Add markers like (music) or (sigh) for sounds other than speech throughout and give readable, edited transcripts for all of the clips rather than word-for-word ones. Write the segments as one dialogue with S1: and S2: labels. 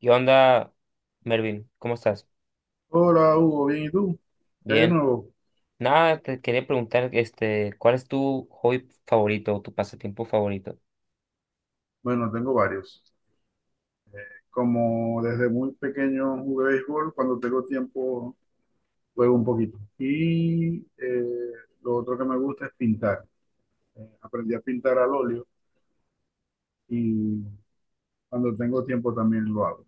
S1: ¿Qué onda, Mervin? ¿Cómo estás?
S2: Hola Hugo, bien, ¿y tú? ¿Qué hay de
S1: Bien.
S2: nuevo?
S1: Nada, te quería preguntar, ¿cuál es tu hobby favorito o tu pasatiempo favorito?
S2: Bueno, tengo varios. Como desde muy pequeño jugué béisbol, cuando tengo tiempo juego un poquito. Lo otro que me gusta es pintar. Aprendí a pintar al óleo y cuando tengo tiempo también lo hago.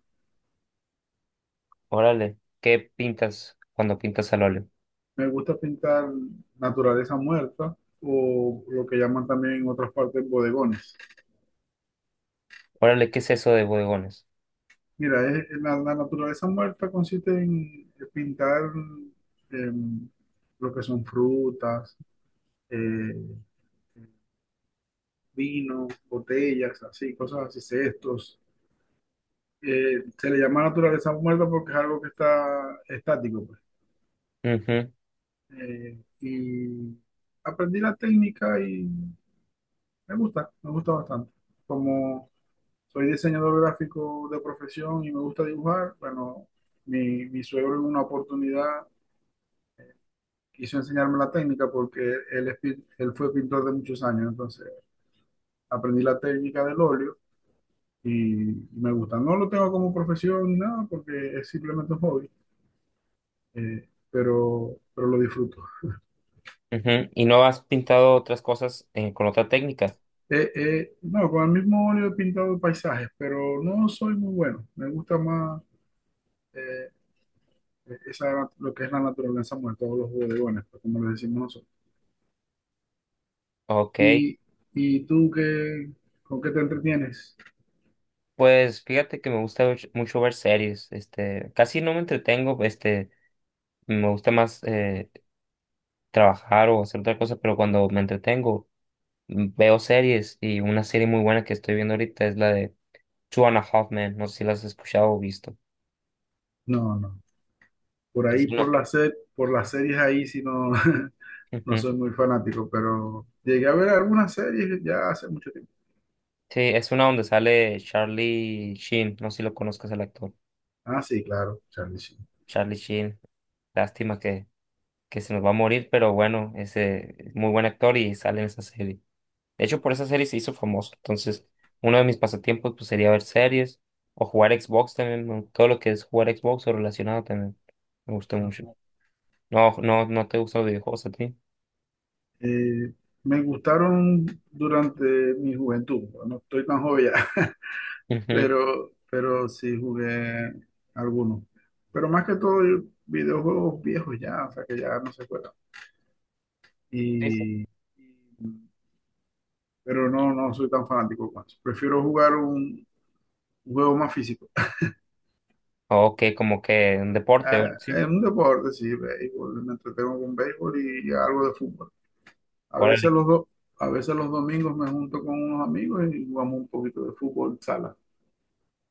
S1: Órale, ¿qué pintas cuando pintas al óleo?
S2: Me gusta pintar naturaleza muerta o lo que llaman también en otras partes bodegones.
S1: Órale, ¿qué es eso de bodegones?
S2: Mira, la naturaleza muerta consiste en pintar em, lo que son frutas, eh, vino, botellas, así, cosas así, cestos. Se le llama naturaleza muerta porque es algo que está estático, pues.
S1: Ujú.
S2: Eh, y aprendí la técnica y me gusta bastante. Como soy diseñador gráfico de profesión y me gusta dibujar, bueno, mi suegro en una oportunidad quiso enseñarme la técnica porque él, él fue pintor de muchos años, entonces aprendí la técnica del óleo y, me gusta. No lo tengo como profesión ni nada porque es simplemente un hobby, pero lo disfruto.
S1: Ujú. ¿Y no has pintado otras cosas con otra técnica?
S2: No, con el mismo óleo he pintado paisajes, pero no soy muy bueno. Me gusta más eh, esa, lo que es la naturaleza muerta, todos los bodegones, pues, como le decimos nosotros.
S1: Ok,
S2: ¿Y, y tú qué, con qué te entretienes?
S1: pues fíjate que me gusta mucho ver series, casi no me entretengo, me gusta más trabajar o hacer otra cosa, pero cuando me entretengo veo series, y una serie muy buena que estoy viendo ahorita es la de Two and a Half Men. No sé si la has escuchado o visto.
S2: No, no. Por
S1: Es
S2: ahí,
S1: una.
S2: por las series ahí, si no, (laughs) no
S1: Ujú.
S2: soy muy fanático, pero llegué a ver algunas series ya hace mucho tiempo.
S1: Sí, es una donde sale Charlie Sheen. No sé si lo conozcas, el actor.
S2: Ah, sí, claro, Charlie Sheen.
S1: Charlie Sheen. Lástima que se nos va a morir, pero bueno, ese es muy buen actor y sale en esa serie. De hecho, por esa serie se hizo famoso. Entonces, uno de mis pasatiempos, pues, sería ver series o jugar Xbox también, ¿no? Todo lo que es jugar Xbox o relacionado también. Me gusta
S2: Ah,
S1: mucho.
S2: bueno.
S1: No, no, no te gustan los videojuegos a ti.
S2: Eh, Me gustaron durante mi juventud, no. No estoy tan joven ya, (laughs)
S1: Ujú.
S2: pero sí jugué algunos. Pero más que todo, videojuegos viejos ya, o sea que ya no se juegan.
S1: Sí, sí.
S2: Y, y- pero no, no soy tan fanático, pues. Prefiero jugar un juego más físico.
S1: Ok, como que un deporte,
S2: Eh,
S1: sí.
S2: es un deporte, sí, béisbol. Me entretengo con béisbol y algo de fútbol. A
S1: Órale,
S2: veces los do- a veces los domingos me junto con unos amigos y jugamos un poquito de fútbol sala.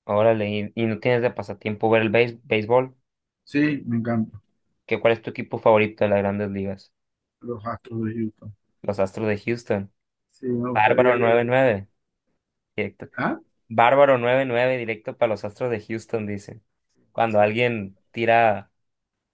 S1: órale. ¿Y no tienes de pasatiempo ver el béisbol?
S2: Sí, me encanta.
S1: ¿ cuál es tu equipo favorito de las grandes ligas?
S2: Los Astros de Houston.
S1: Los Astros de Houston.
S2: Sí, me gustaría
S1: Bárbaro
S2: que.
S1: 99 directo.
S2: ¿Ah?
S1: Bárbaro 99 directo para los Astros de Houston, dicen. Cuando
S2: Sí.
S1: alguien tira,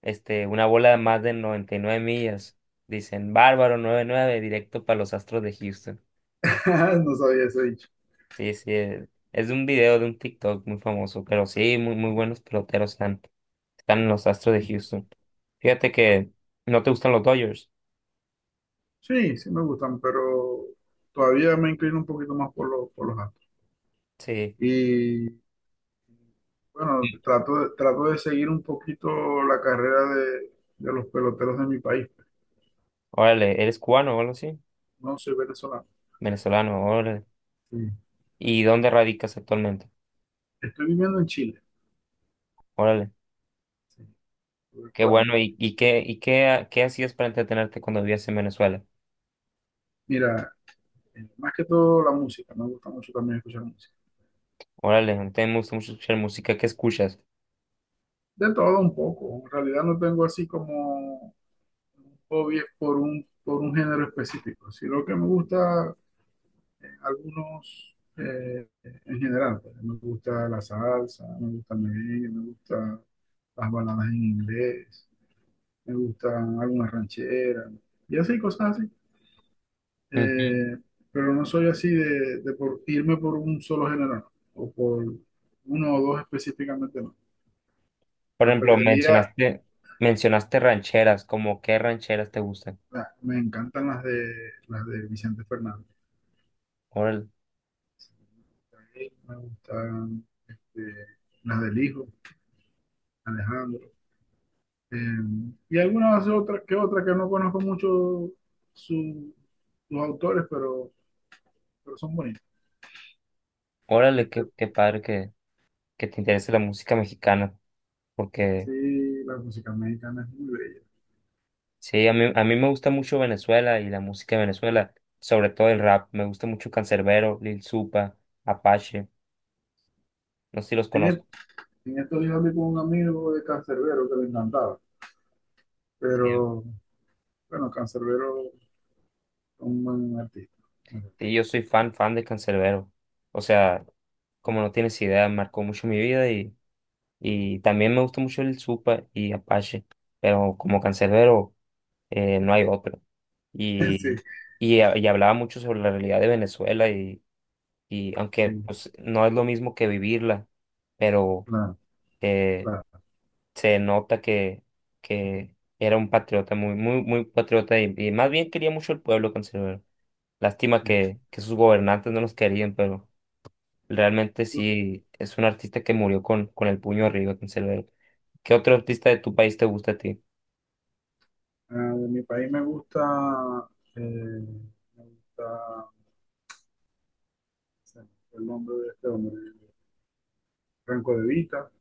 S1: una bola de más de 99 millas, dicen bárbaro 99 directo para los Astros de Houston.
S2: (laughs) No sabía ese dicho.
S1: Sí, sí. Es de un video de un TikTok muy famoso, pero sí, muy, muy buenos peloteros han. Están en los Astros de Houston. Fíjate que no te gustan los Dodgers.
S2: Sí, sí me gustan, pero todavía me inclino un poquito más por los Astros.
S1: Sí.
S2: Y
S1: Sí.
S2: bueno, trato de seguir un poquito la carrera de los peloteros de mi país.
S1: Órale, ¿eres cubano o algo así?
S2: No soy venezolano.
S1: Venezolano, órale.
S2: Sí.
S1: ¿Y dónde radicas actualmente?
S2: Estoy viviendo en Chile.
S1: Órale.
S2: Sí. Porque,
S1: Qué
S2: bueno,
S1: bueno. ¿Y qué hacías para entretenerte cuando vivías en Venezuela?
S2: mira, más que todo la música, me gusta mucho también escuchar música.
S1: Órale, a mí también me gusta mucho escuchar música. ¿Qué escuchas?
S2: De todo un poco, en realidad no tengo así como un hobby por un género específico. Sí, lo que me gusta algunos en general, pues. Me gusta la salsa, me gusta el merengue, me gusta las baladas en inglés, me gustan algunas rancheras, y así cosas.
S1: Ujú.
S2: Eh, pero no soy así de por irme por un solo género, no, o por uno o dos específicamente, no.
S1: Por ejemplo,
S2: Aprendí a,
S1: mencionaste rancheras. ¿Como qué rancheras te gustan?
S2: me encantan las de Vicente Fernández,
S1: Órale,
S2: me gustan eh, las del hijo, Alejandro, eh, y algunas otras que no conozco mucho su- sus autores, pero son bonitas.
S1: órale, qué,
S2: Este,
S1: qué padre que te interese la música mexicana, porque
S2: sí, la música mexicana es muy bella.
S1: sí. A mí me gusta mucho Venezuela y la música de Venezuela, sobre todo el rap. Me gusta mucho Canserbero, Lil Supa, Apache. No sé si los
S2: En,
S1: conozco.
S2: et- en estos días hablé con un amigo de Canserbero que le encantaba.
S1: Sí,
S2: Pero bueno, Cancerbero es un buen artista. (laughs)
S1: sí, yo soy fan, fan de Canserbero. O sea, como no tienes idea, marcó mucho mi vida, y también me gusta mucho Lil Supa y Apache. Pero como Canserbero, no hay otro.
S2: Sí,
S1: Y, y hablaba mucho sobre la realidad de Venezuela, y aunque,
S2: sí,
S1: pues, no es lo mismo que vivirla, pero
S2: claro,
S1: eh,
S2: claro.
S1: se nota que era un patriota, muy, muy, muy patriota, y más bien quería mucho el pueblo conservador. Lástima
S2: Sí.
S1: que sus gobernantes no los querían, pero realmente sí es un artista que murió con el puño arriba, conservador. ¿Qué otro artista de tu país te gusta a ti?
S2: Ah, de mi país me gusta, eh, me gusta, se me el nombre de este hombre, Franco De Vita,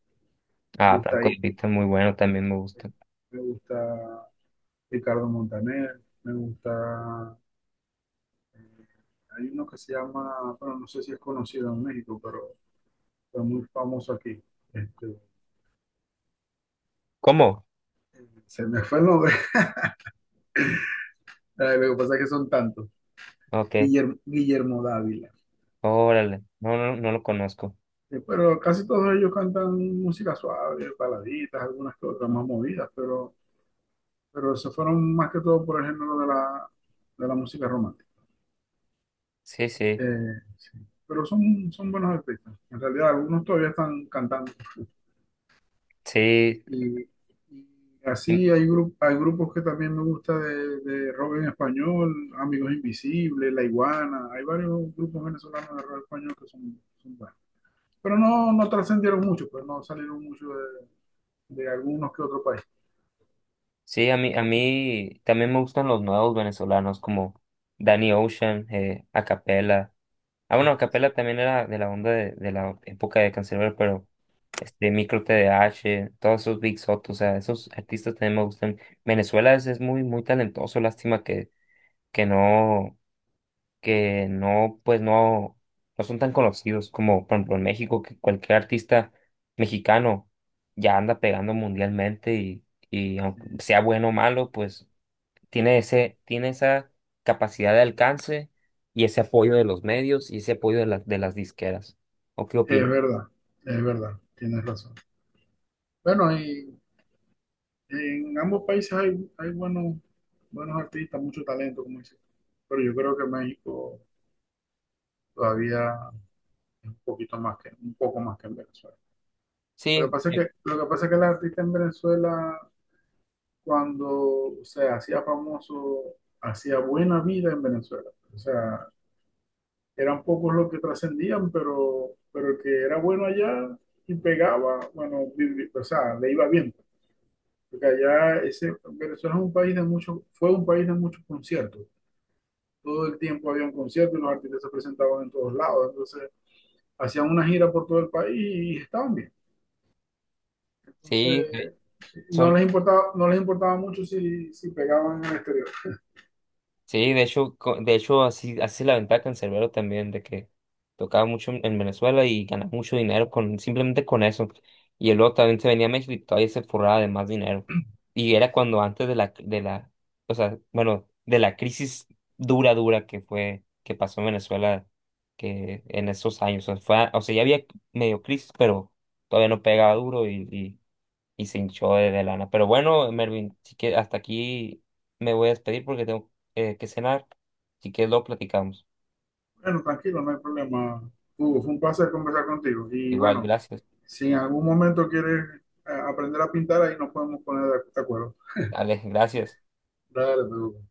S2: me
S1: Ah,
S2: gusta
S1: Franco
S2: ahí,
S1: de Vita, muy bueno, también me
S2: eh,
S1: gusta.
S2: me gusta Ricardo Montaner, me gusta, eh, hay uno que se llama, bueno, no sé si es conocido en México, pero fue muy famoso aquí. Este,
S1: ¿Cómo?
S2: se me fue el nombre, (laughs) Lo que pasa es que son tantos.
S1: Ok,
S2: Guillermo, Guillermo Dávila.
S1: órale, no, no, no lo conozco.
S2: Pero casi todos ellos cantan música suave, baladitas, algunas que otras más movidas, pero se fueron más que todo por el género de la música romántica.
S1: Sí, sí,
S2: Sí. Pero son, son buenos artistas. En realidad, algunos todavía están cantando. Y,
S1: sí.
S2: hay grupos que también me gusta de rock en español, Amigos Invisibles, La Iguana. Hay varios grupos venezolanos de rock español que son, son buenos. Pero no, no trascendieron mucho, pues no salieron mucho de algunos que otro país.
S1: Sí, a mí, también me gustan los nuevos venezolanos como Danny Ocean, Acapella. Ah, bueno, Acapella también era de la onda de la época de Canserbero, pero este Micro TDH, todos esos Big Soto, o sea, esos artistas también me gustan. Venezuela es muy, muy talentoso. Lástima que no, que no, pues no son tan conocidos como, por ejemplo, en México, que cualquier artista mexicano ya anda pegando mundialmente, y
S2: Sí,
S1: aunque sea bueno o malo, pues tiene ese, tiene esa capacidad de alcance y ese apoyo de los medios y ese apoyo de las disqueras. ¿O qué
S2: es
S1: opinas?
S2: verdad, es verdad, tienes razón. Bueno, y en ambos países hay, hay buenos, buenos artistas, mucho talento, como dices tú. Pero yo creo que México todavía es un poquito más que, un poco más que en Venezuela. Lo que
S1: Sí,
S2: pasa es que, lo que pasa es que el artista en Venezuela, cuando se hacía famoso, hacía buena vida en Venezuela. O sea, eran pocos los que trascendían, pero el que era bueno allá y pegaba, bueno, o sea, le iba bien. Porque allá ese, Venezuela es un país de muchos, fue un país de muchos conciertos. Todo el tiempo había un concierto y los artistas se presentaban en todos lados. Entonces, hacían una gira por todo el país y estaban bien.
S1: sí,
S2: Entonces, no
S1: son.
S2: les importaba, no les importaba mucho si, si pegaban en el exterior.
S1: Sí, de hecho, de hecho, así es la ventaja en Cerbero también, de que tocaba mucho en Venezuela y ganaba mucho dinero con, simplemente con eso. Y luego también se venía a México y todavía se forraba de más dinero. Y era cuando antes o sea, bueno, de la crisis dura, dura que fue, que pasó en Venezuela, que en esos años, o sea, fue, o sea, ya había medio crisis, pero todavía no pegaba duro, y se hinchó de lana. Pero bueno, Mervin, sí que hasta aquí me voy a despedir porque tengo, que cenar. Si quieres, lo platicamos.
S2: Bueno, tranquilo, no hay problema. Hugo, fue un placer conversar contigo. Y
S1: Igual,
S2: bueno,
S1: gracias.
S2: si en algún momento quieres aprender a pintar, ahí nos podemos poner de acuerdo.
S1: Alex, gracias.
S2: Dale, me